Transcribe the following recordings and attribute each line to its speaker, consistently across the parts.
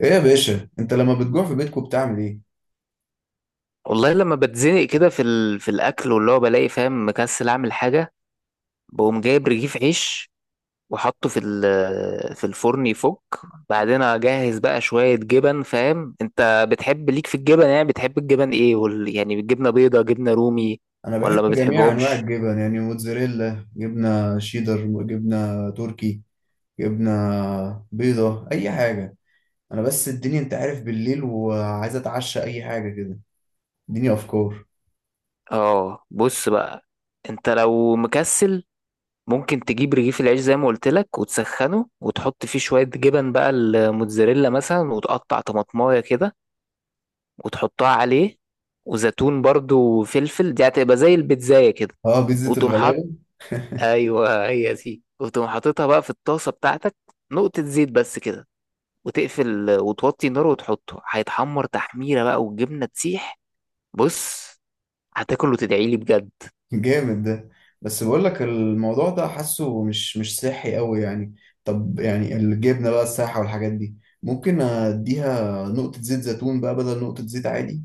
Speaker 1: ايه يا باشا، انت لما بتجوع في بيتكم بتعمل ايه؟
Speaker 2: والله لما بتزنق كده في الاكل واللي هو بلاقي فاهم مكسل اعمل حاجه. بقوم جايب رغيف عيش وحطه في في الفرن يفك. بعدين اجهز بقى شويه جبن، فاهم؟ انت بتحب ليك في الجبن، يعني بتحب الجبن ايه؟ يعني جبنه بيضه، جبنه رومي،
Speaker 1: انا بحب
Speaker 2: ولا ما
Speaker 1: جميع انواع
Speaker 2: بتحبهمش؟
Speaker 1: الجبن، يعني موتزاريلا، جبنه شيدر، جبنه تركي. جبنه بيضه، اي حاجه. انا بس الدنيا، انت عارف، بالليل وعايز اتعشى اي حاجه كده. اديني افكار.
Speaker 2: اه، بص بقى، انت لو مكسل ممكن تجيب رغيف العيش زي ما قلت لك وتسخنه وتحط فيه شويه جبن بقى، الموتزاريلا مثلا، وتقطع طماطمايه كده وتحطها عليه، وزيتون برضو وفلفل، دي هتبقى زي البيتزاية كده.
Speaker 1: اه، بيتزا
Speaker 2: وتقوم حاط،
Speaker 1: الغلابه.
Speaker 2: ايوه هي دي، وتقوم حاططها بقى في الطاسة بتاعتك، نقطة زيت بس كده، وتقفل وتوطي النار وتحطه هيتحمر تحميرة بقى والجبنة تسيح. بص، هتاكل وتدعيلي بجد.
Speaker 1: جامد ده. بس بقول لك الموضوع ده حاسه مش صحي قوي، يعني. طب يعني الجبنه بقى السايحه والحاجات دي، ممكن اديها نقطه زيت زيتون بقى بدل نقطه زيت عادي؟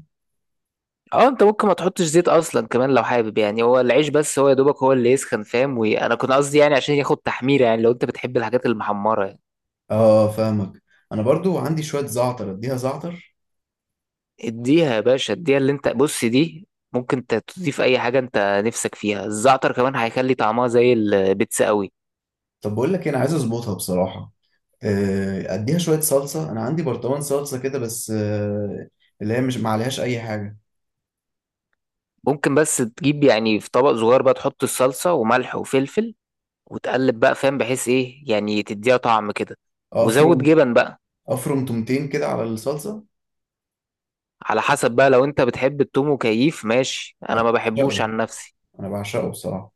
Speaker 2: اه، انت ممكن ما تحطش زيت اصلا كمان لو حابب، يعني هو العيش بس هو يا دوبك هو اللي يسخن، فاهم؟ وانا كنت قصدي يعني عشان ياخد تحميرة، يعني لو انت بتحب الحاجات المحمرة يعني.
Speaker 1: اه، فاهمك. انا برضو عندي شويه زعتر، اديها زعتر.
Speaker 2: اديها يا باشا، اديها اللي انت بص دي، ممكن انت تضيف اي حاجه انت نفسك فيها، الزعتر كمان هيخلي طعمها زي البيتزا قوي.
Speaker 1: طب بقول لك إيه، انا عايز اظبطها بصراحه. اديها شويه صلصه، انا عندي برطمان صلصه كده بس. اللي هي مش ما عليهاش اي حاجه.
Speaker 2: ممكن بس تجيب يعني في طبق صغير بقى، تحط الصلصه وملح وفلفل وتقلب بقى، فاهم؟ بحيث ايه؟ يعني تديها طعم كده. وزود
Speaker 1: افرم
Speaker 2: جبن بقى.
Speaker 1: افرم تومتين كده على الصلصه.
Speaker 2: على حسب بقى، لو انت بتحب التوم وكيف ماشي،
Speaker 1: انا
Speaker 2: انا ما بحبوش
Speaker 1: بعشقه.
Speaker 2: عن نفسي.
Speaker 1: انا بعشقه بصراحه.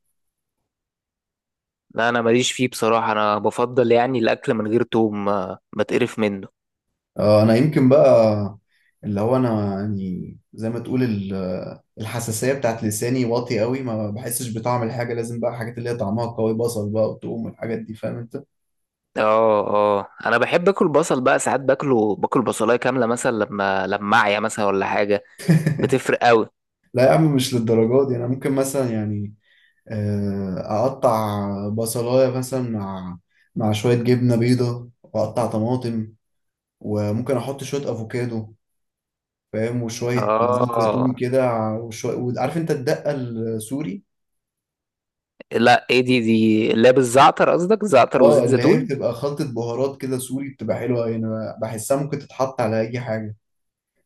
Speaker 2: لا، انا ماليش فيه بصراحه، انا بفضل يعني الاكل من غير توم ما تقرف منه.
Speaker 1: انا يمكن بقى، اللي هو انا يعني زي ما تقول الحساسيه بتاعت لساني واطي قوي، ما بحسش بطعم الحاجه، لازم بقى حاجات اللي هي طعمها قوي، بصل بقى وتقوم والحاجات دي، فاهم انت؟
Speaker 2: اه. اه انا بحب اكل بصل بقى، ساعات باكله، باكل بصلايه كامله مثلا لما اعيا مثلا ولا حاجه، بتفرق قوي.
Speaker 1: لا يا عم، مش للدرجات دي، انا ممكن مثلا يعني، آه، اقطع بصلايه مثلا مع شويه جبنه بيضه واقطع طماطم، وممكن احط شويه افوكادو، فاهم، وشويه زيت
Speaker 2: اه.
Speaker 1: زيتون كده، وشويه عارف انت الدقه السوري.
Speaker 2: لا ايه دي، اللي هي بالزعتر، قصدك زعتر
Speaker 1: اه،
Speaker 2: وزيت
Speaker 1: اللي هي
Speaker 2: زيتون.
Speaker 1: بتبقى خلطه بهارات كده سوري، بتبقى حلوه، يعني انا بحسها ممكن تتحط على اي حاجه.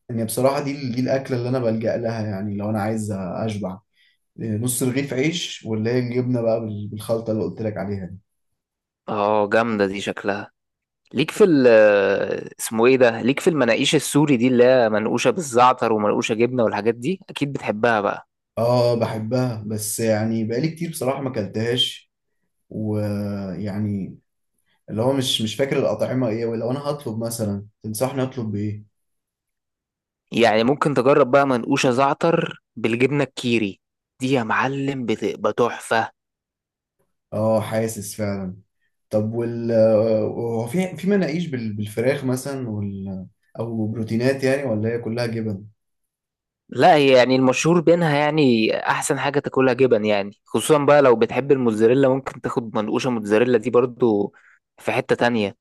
Speaker 1: يعني بصراحه، دي الاكله اللي انا بلجأ لها، يعني لو انا عايز اشبع، نص رغيف عيش، واللي هي الجبنه بقى بالخلطه اللي قلت لك عليها دي.
Speaker 2: اه جامده دي شكلها. ليك في ال، اسمه ايه ده، ليك في المناقيش السوري دي اللي هي منقوشه بالزعتر ومنقوشه جبنه والحاجات دي، اكيد بتحبها بقى.
Speaker 1: اه، بحبها، بس يعني بقالي كتير بصراحة ما اكلتهاش. ويعني، اللي هو مش فاكر الأطعمة ايه، ولو انا هطلب مثلا تنصحني اطلب بايه؟
Speaker 2: يعني ممكن تجرب بقى منقوشه زعتر بالجبنه الكيري، دي يا معلم بتبقى تحفه.
Speaker 1: اه، حاسس فعلا. طب، وال آه، هو في مناقيش بالفراخ مثلا، او بروتينات يعني، ولا هي كلها جبن؟
Speaker 2: لا هي يعني المشهور بينها يعني احسن حاجه تاكلها جبن، يعني خصوصا بقى لو بتحب الموتزاريلا ممكن تاخد منقوشه موتزاريلا دي برضو، في حته تانية.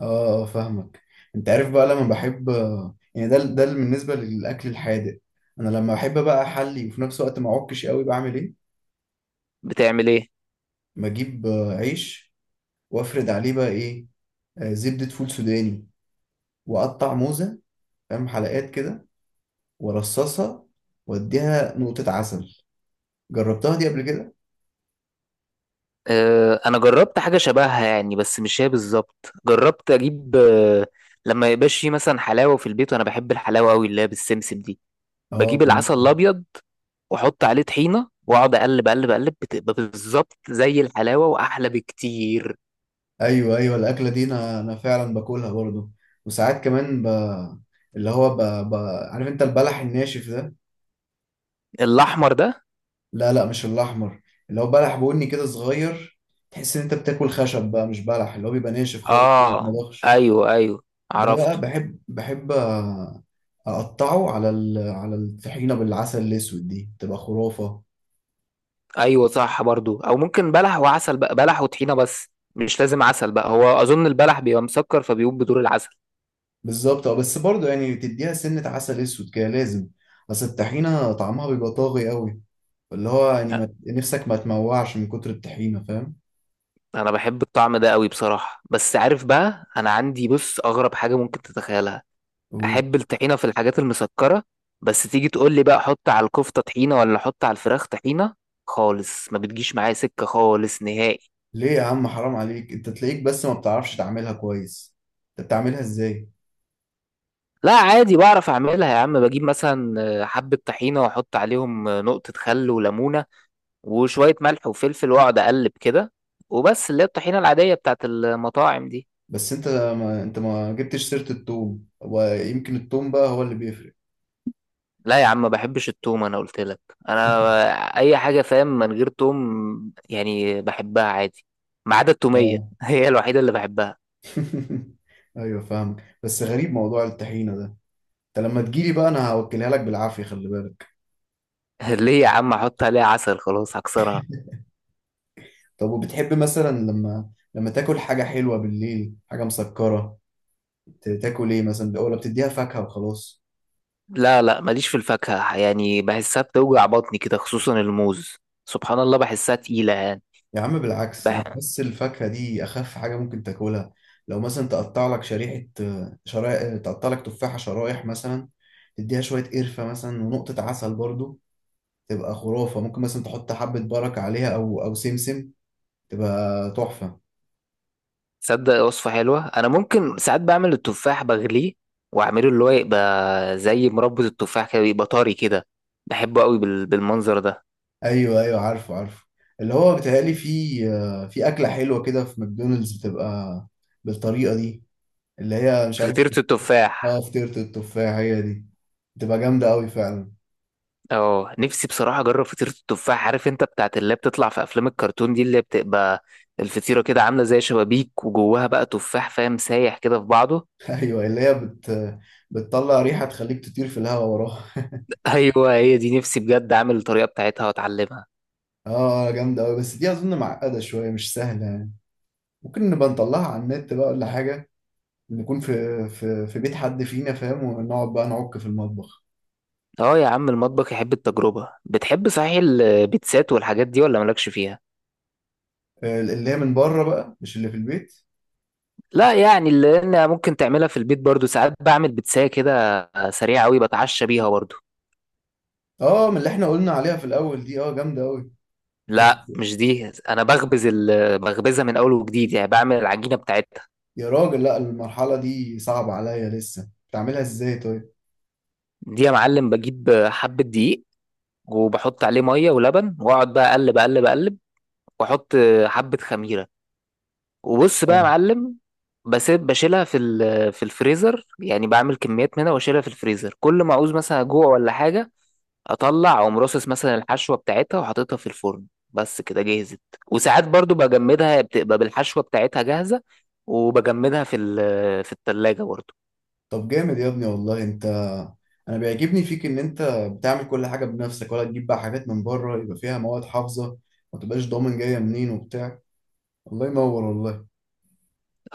Speaker 1: اه، فاهمك. انت عارف بقى، لما بحب يعني، ده بالنسبة للأكل الحادق. انا لما بحب بقى احلي وفي نفس الوقت ما اعكش قوي، بعمل ايه؟
Speaker 2: بتعمل ايه؟
Speaker 1: بجيب عيش، وافرد عليه بقى ايه، زبدة فول سوداني، وأقطع موزة، فاهم، حلقات كده، وأرصصها، وأديها نقطة عسل. جربتها دي قبل كده؟
Speaker 2: أه انا جربت حاجه شبهها يعني، بس مش هي بالظبط. جربت اجيب أه، لما يبقاش في مثلا حلاوه في البيت وانا بحب الحلاوه قوي اللي هي بالسمسم دي،
Speaker 1: اه،
Speaker 2: بجيب العسل
Speaker 1: ممكن.
Speaker 2: الابيض واحط عليه طحينه واقعد اقلب اقلب اقلب، بتبقى بالظبط زي الحلاوه واحلى بكتير.
Speaker 1: أيوه، أيوه، الأكلة دي أنا فعلا باكلها برضه. وساعات كمان اللي هو ب... عارف أنت البلح الناشف ده؟
Speaker 2: الاحمر ده؟
Speaker 1: لا، لا، مش الأحمر. اللي هو بلح بني كده صغير، تحس إن أنت بتاكل خشب بقى، مش بلح، اللي هو بيبقى ناشف خالص ما
Speaker 2: اه،
Speaker 1: بيتمضغش.
Speaker 2: ايوه ايوه،
Speaker 1: ده
Speaker 2: عرفته.
Speaker 1: بقى، بحب اقطعه على الطحينه بالعسل الاسود، دي تبقى خرافه.
Speaker 2: ايوه صح، برضو او ممكن بلح وعسل بقى، بلح وطحينه بس، مش لازم عسل بقى، هو اظن البلح بيبقى مسكر فبيقوم بدور العسل.
Speaker 1: بالظبط، اه، بس برضه يعني تديها سنه عسل اسود كده لازم. بس الطحينه طعمها بيبقى طاغي قوي، اللي هو يعني
Speaker 2: ها،
Speaker 1: ما... نفسك ما تموعش من كتر الطحينه، فاهم؟
Speaker 2: انا بحب الطعم ده قوي بصراحه، بس عارف بقى انا عندي، بص، اغرب حاجه ممكن تتخيلها:
Speaker 1: و-
Speaker 2: احب الطحينه في الحاجات المسكره، بس تيجي تقول لي بقى حط على الكفته طحينه، ولا حط على الفراخ طحينه، خالص ما بتجيش معايا سكه خالص نهائي.
Speaker 1: ليه يا عم، حرام عليك، انت تلاقيك بس ما بتعرفش تعملها كويس. انت بتعملها ازاي؟
Speaker 2: لا عادي بعرف اعملها يا عم، بجيب مثلا حبه طحينه واحط عليهم نقطه خل وليمونه وشوية ملح وفلفل واقعد اقلب كده، وبس، اللي هي الطحينة العادية بتاعت المطاعم دي.
Speaker 1: بس انت ما انت ما جبتش سيره التوم، ويمكن التوم بقى هو اللي بيفرق.
Speaker 2: لا يا عم، ما بحبش التوم، انا قلت لك، انا اي حاجة فاهم من غير توم يعني بحبها عادي، ما عدا التومية
Speaker 1: اه.
Speaker 2: هي الوحيدة اللي بحبها.
Speaker 1: ايوه، فاهمك، بس غريب موضوع الطحينه ده. انت لما تجيلي بقى انا هوكلها لك بالعافيه، خلي بالك.
Speaker 2: ليه يا عم؟ احط عليها عسل خلاص هكسرها.
Speaker 1: طب، وبتحب مثلا لما تاكل حاجه حلوه بالليل، حاجه مسكره، تاكل ايه مثلا، ولا بتديها فاكهه وخلاص؟
Speaker 2: لا لا، ماليش في الفاكهة، يعني بحسها بتوجع بطني كده، خصوصا الموز، سبحان الله، بحسها تقيلة يعني.
Speaker 1: يا عم، بالعكس، انا
Speaker 2: بح...
Speaker 1: بس الفاكهه دي اخف حاجه ممكن تاكلها. لو مثلا تقطع لك شريحه، شرايح، تقطع لك تفاحه شرايح مثلا، تديها شويه قرفه مثلا ونقطه عسل برضو، تبقى خرافه، ممكن مثلا تحط حبه بركه عليها او سمسم، تبقى تحفه.
Speaker 2: تصدق وصفة حلوة، أنا ممكن ساعات بعمل التفاح بغليه، وأعمله اللي هو يبقى زي مربى التفاح كده، يبقى طري كده، بحبه قوي بالمنظر ده.
Speaker 1: ايوه، ايوه، عارفه، عارفه، اللي هو بيتهيألي في اكله حلوه كده في ماكدونالدز، بتبقى بالطريقه دي، اللي هي مش عارف.
Speaker 2: فطيرة
Speaker 1: اه،
Speaker 2: التفاح.
Speaker 1: فطيره التفاح هي دي، بتبقى جامده قوي فعلا.
Speaker 2: اه، نفسي بصراحة أجرب فطيرة التفاح، عارف أنت بتاعت اللي هي بتطلع في أفلام الكرتون دي، اللي بتبقى الفطيرة كده عاملة زي شبابيك وجواها بقى تفاح، فاهم، سايح كده في بعضه.
Speaker 1: ايوه، اللي هي بتطلع ريحه تخليك تطير في الهواء وراها.
Speaker 2: أيوه هي دي، نفسي بجد أعمل الطريقة بتاعتها وأتعلمها.
Speaker 1: اه، جامده قوي، بس دي اظن معقده شويه، مش سهله يعني. ممكن نبقى نطلعها على النت بقى ولا حاجه، نكون في بيت حد فينا، فاهم، ونقعد بقى نعك في المطبخ.
Speaker 2: اه يا عم، المطبخ يحب التجربة. بتحب صحيح البيتزات والحاجات دي ولا مالكش فيها؟
Speaker 1: اللي هي من بره بقى، مش اللي في البيت.
Speaker 2: لا يعني اللي انا ممكن تعملها في البيت برضو، ساعات بعمل بتساية كده سريعة قوي بتعشى بيها برضو.
Speaker 1: اه، من اللي احنا قلنا عليها في الاول دي، اه جامده قوي. بس،
Speaker 2: لا مش دي، انا بخبز بخبزها من اول وجديد، يعني بعمل العجينة بتاعتها.
Speaker 1: يا راجل، لا، المرحله دي صعبه عليا لسه، بتعملها ازاي طيب؟
Speaker 2: دي يا معلم، بجيب حبة دقيق وبحط عليه مية ولبن واقعد بقى اقلب اقلب اقلب، واحط حبة خميرة، وبص بقى يا
Speaker 1: اه،
Speaker 2: معلم، بسيب، بشيلها في في الفريزر، يعني بعمل كميات منها واشيلها في الفريزر، كل ما اعوز مثلا اجوع ولا حاجة، اطلع اقوم راصص مثلا الحشوه بتاعتها وحاططها في الفرن، بس كده جهزت. وساعات برضو بجمدها هي بتبقى بالحشوه بتاعتها جاهزه، وبجمدها في في التلاجة برضو.
Speaker 1: طب جامد يا ابني والله، انت انا بيعجبني فيك ان انت بتعمل كل حاجه بنفسك، ولا تجيب بقى حاجات من بره يبقى فيها مواد حافظه، ما تبقاش ضامن جايه منين وبتاع. الله ينور والله.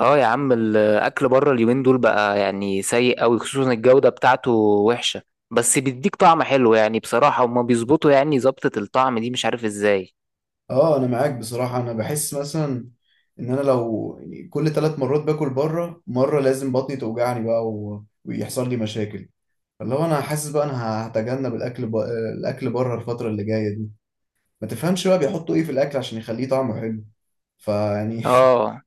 Speaker 2: اه يا عم، الاكل بره اليومين دول بقى يعني سيء قوي، خصوصا الجوده بتاعته وحشه، بس بيديك طعم حلو يعني بصراحه، هما بيظبطوا يعني ظبطه الطعم دي مش عارف ازاي.
Speaker 1: اه، انا معاك بصراحه، انا بحس مثلا ان انا لو يعني كل 3 مرات باكل بره مره لازم بطني توجعني بقى ويحصل لي مشاكل. اللي هو انا حاسس بقى انا هتجنب الاكل الاكل بره الفتره اللي جايه دي. ما تفهمش بقى بيحطوا ايه في الاكل عشان يخليه طعمه حلو، فيعني،
Speaker 2: اه.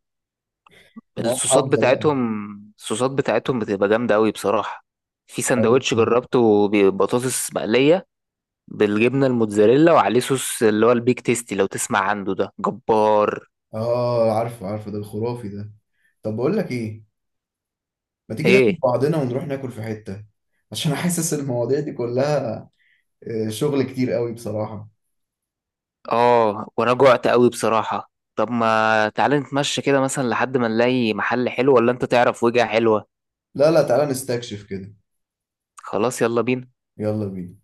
Speaker 1: مواد
Speaker 2: الصوصات
Speaker 1: حافظه بقى.
Speaker 2: بتاعتهم، الصوصات بتاعتهم بتبقى جامده قوي بصراحه، في
Speaker 1: ايوه.
Speaker 2: سندوتش جربته ببطاطس مقليه بالجبنه الموتزاريلا وعليه صوص اللي هو البيك تيستي لو تسمع عنده، ده جبار.
Speaker 1: اه، عارفه، عارفه، ده الخرافي ده. طب بقول لك ايه، ما تيجي ناخد
Speaker 2: ايه؟
Speaker 1: بعضنا ونروح ناكل في حته؟ عشان حاسس المواضيع دي كلها شغل كتير قوي بصراحه.
Speaker 2: اه، وانا جوعت قوي بصراحه، طب ما تعالى نتمشى كده مثلا لحد ما نلاقي محل حلو، ولا انت تعرف وجهة حلوه؟
Speaker 1: لا، لا، تعالى نستكشف كده.
Speaker 2: خلاص، يلا بينا.
Speaker 1: يلا بينا.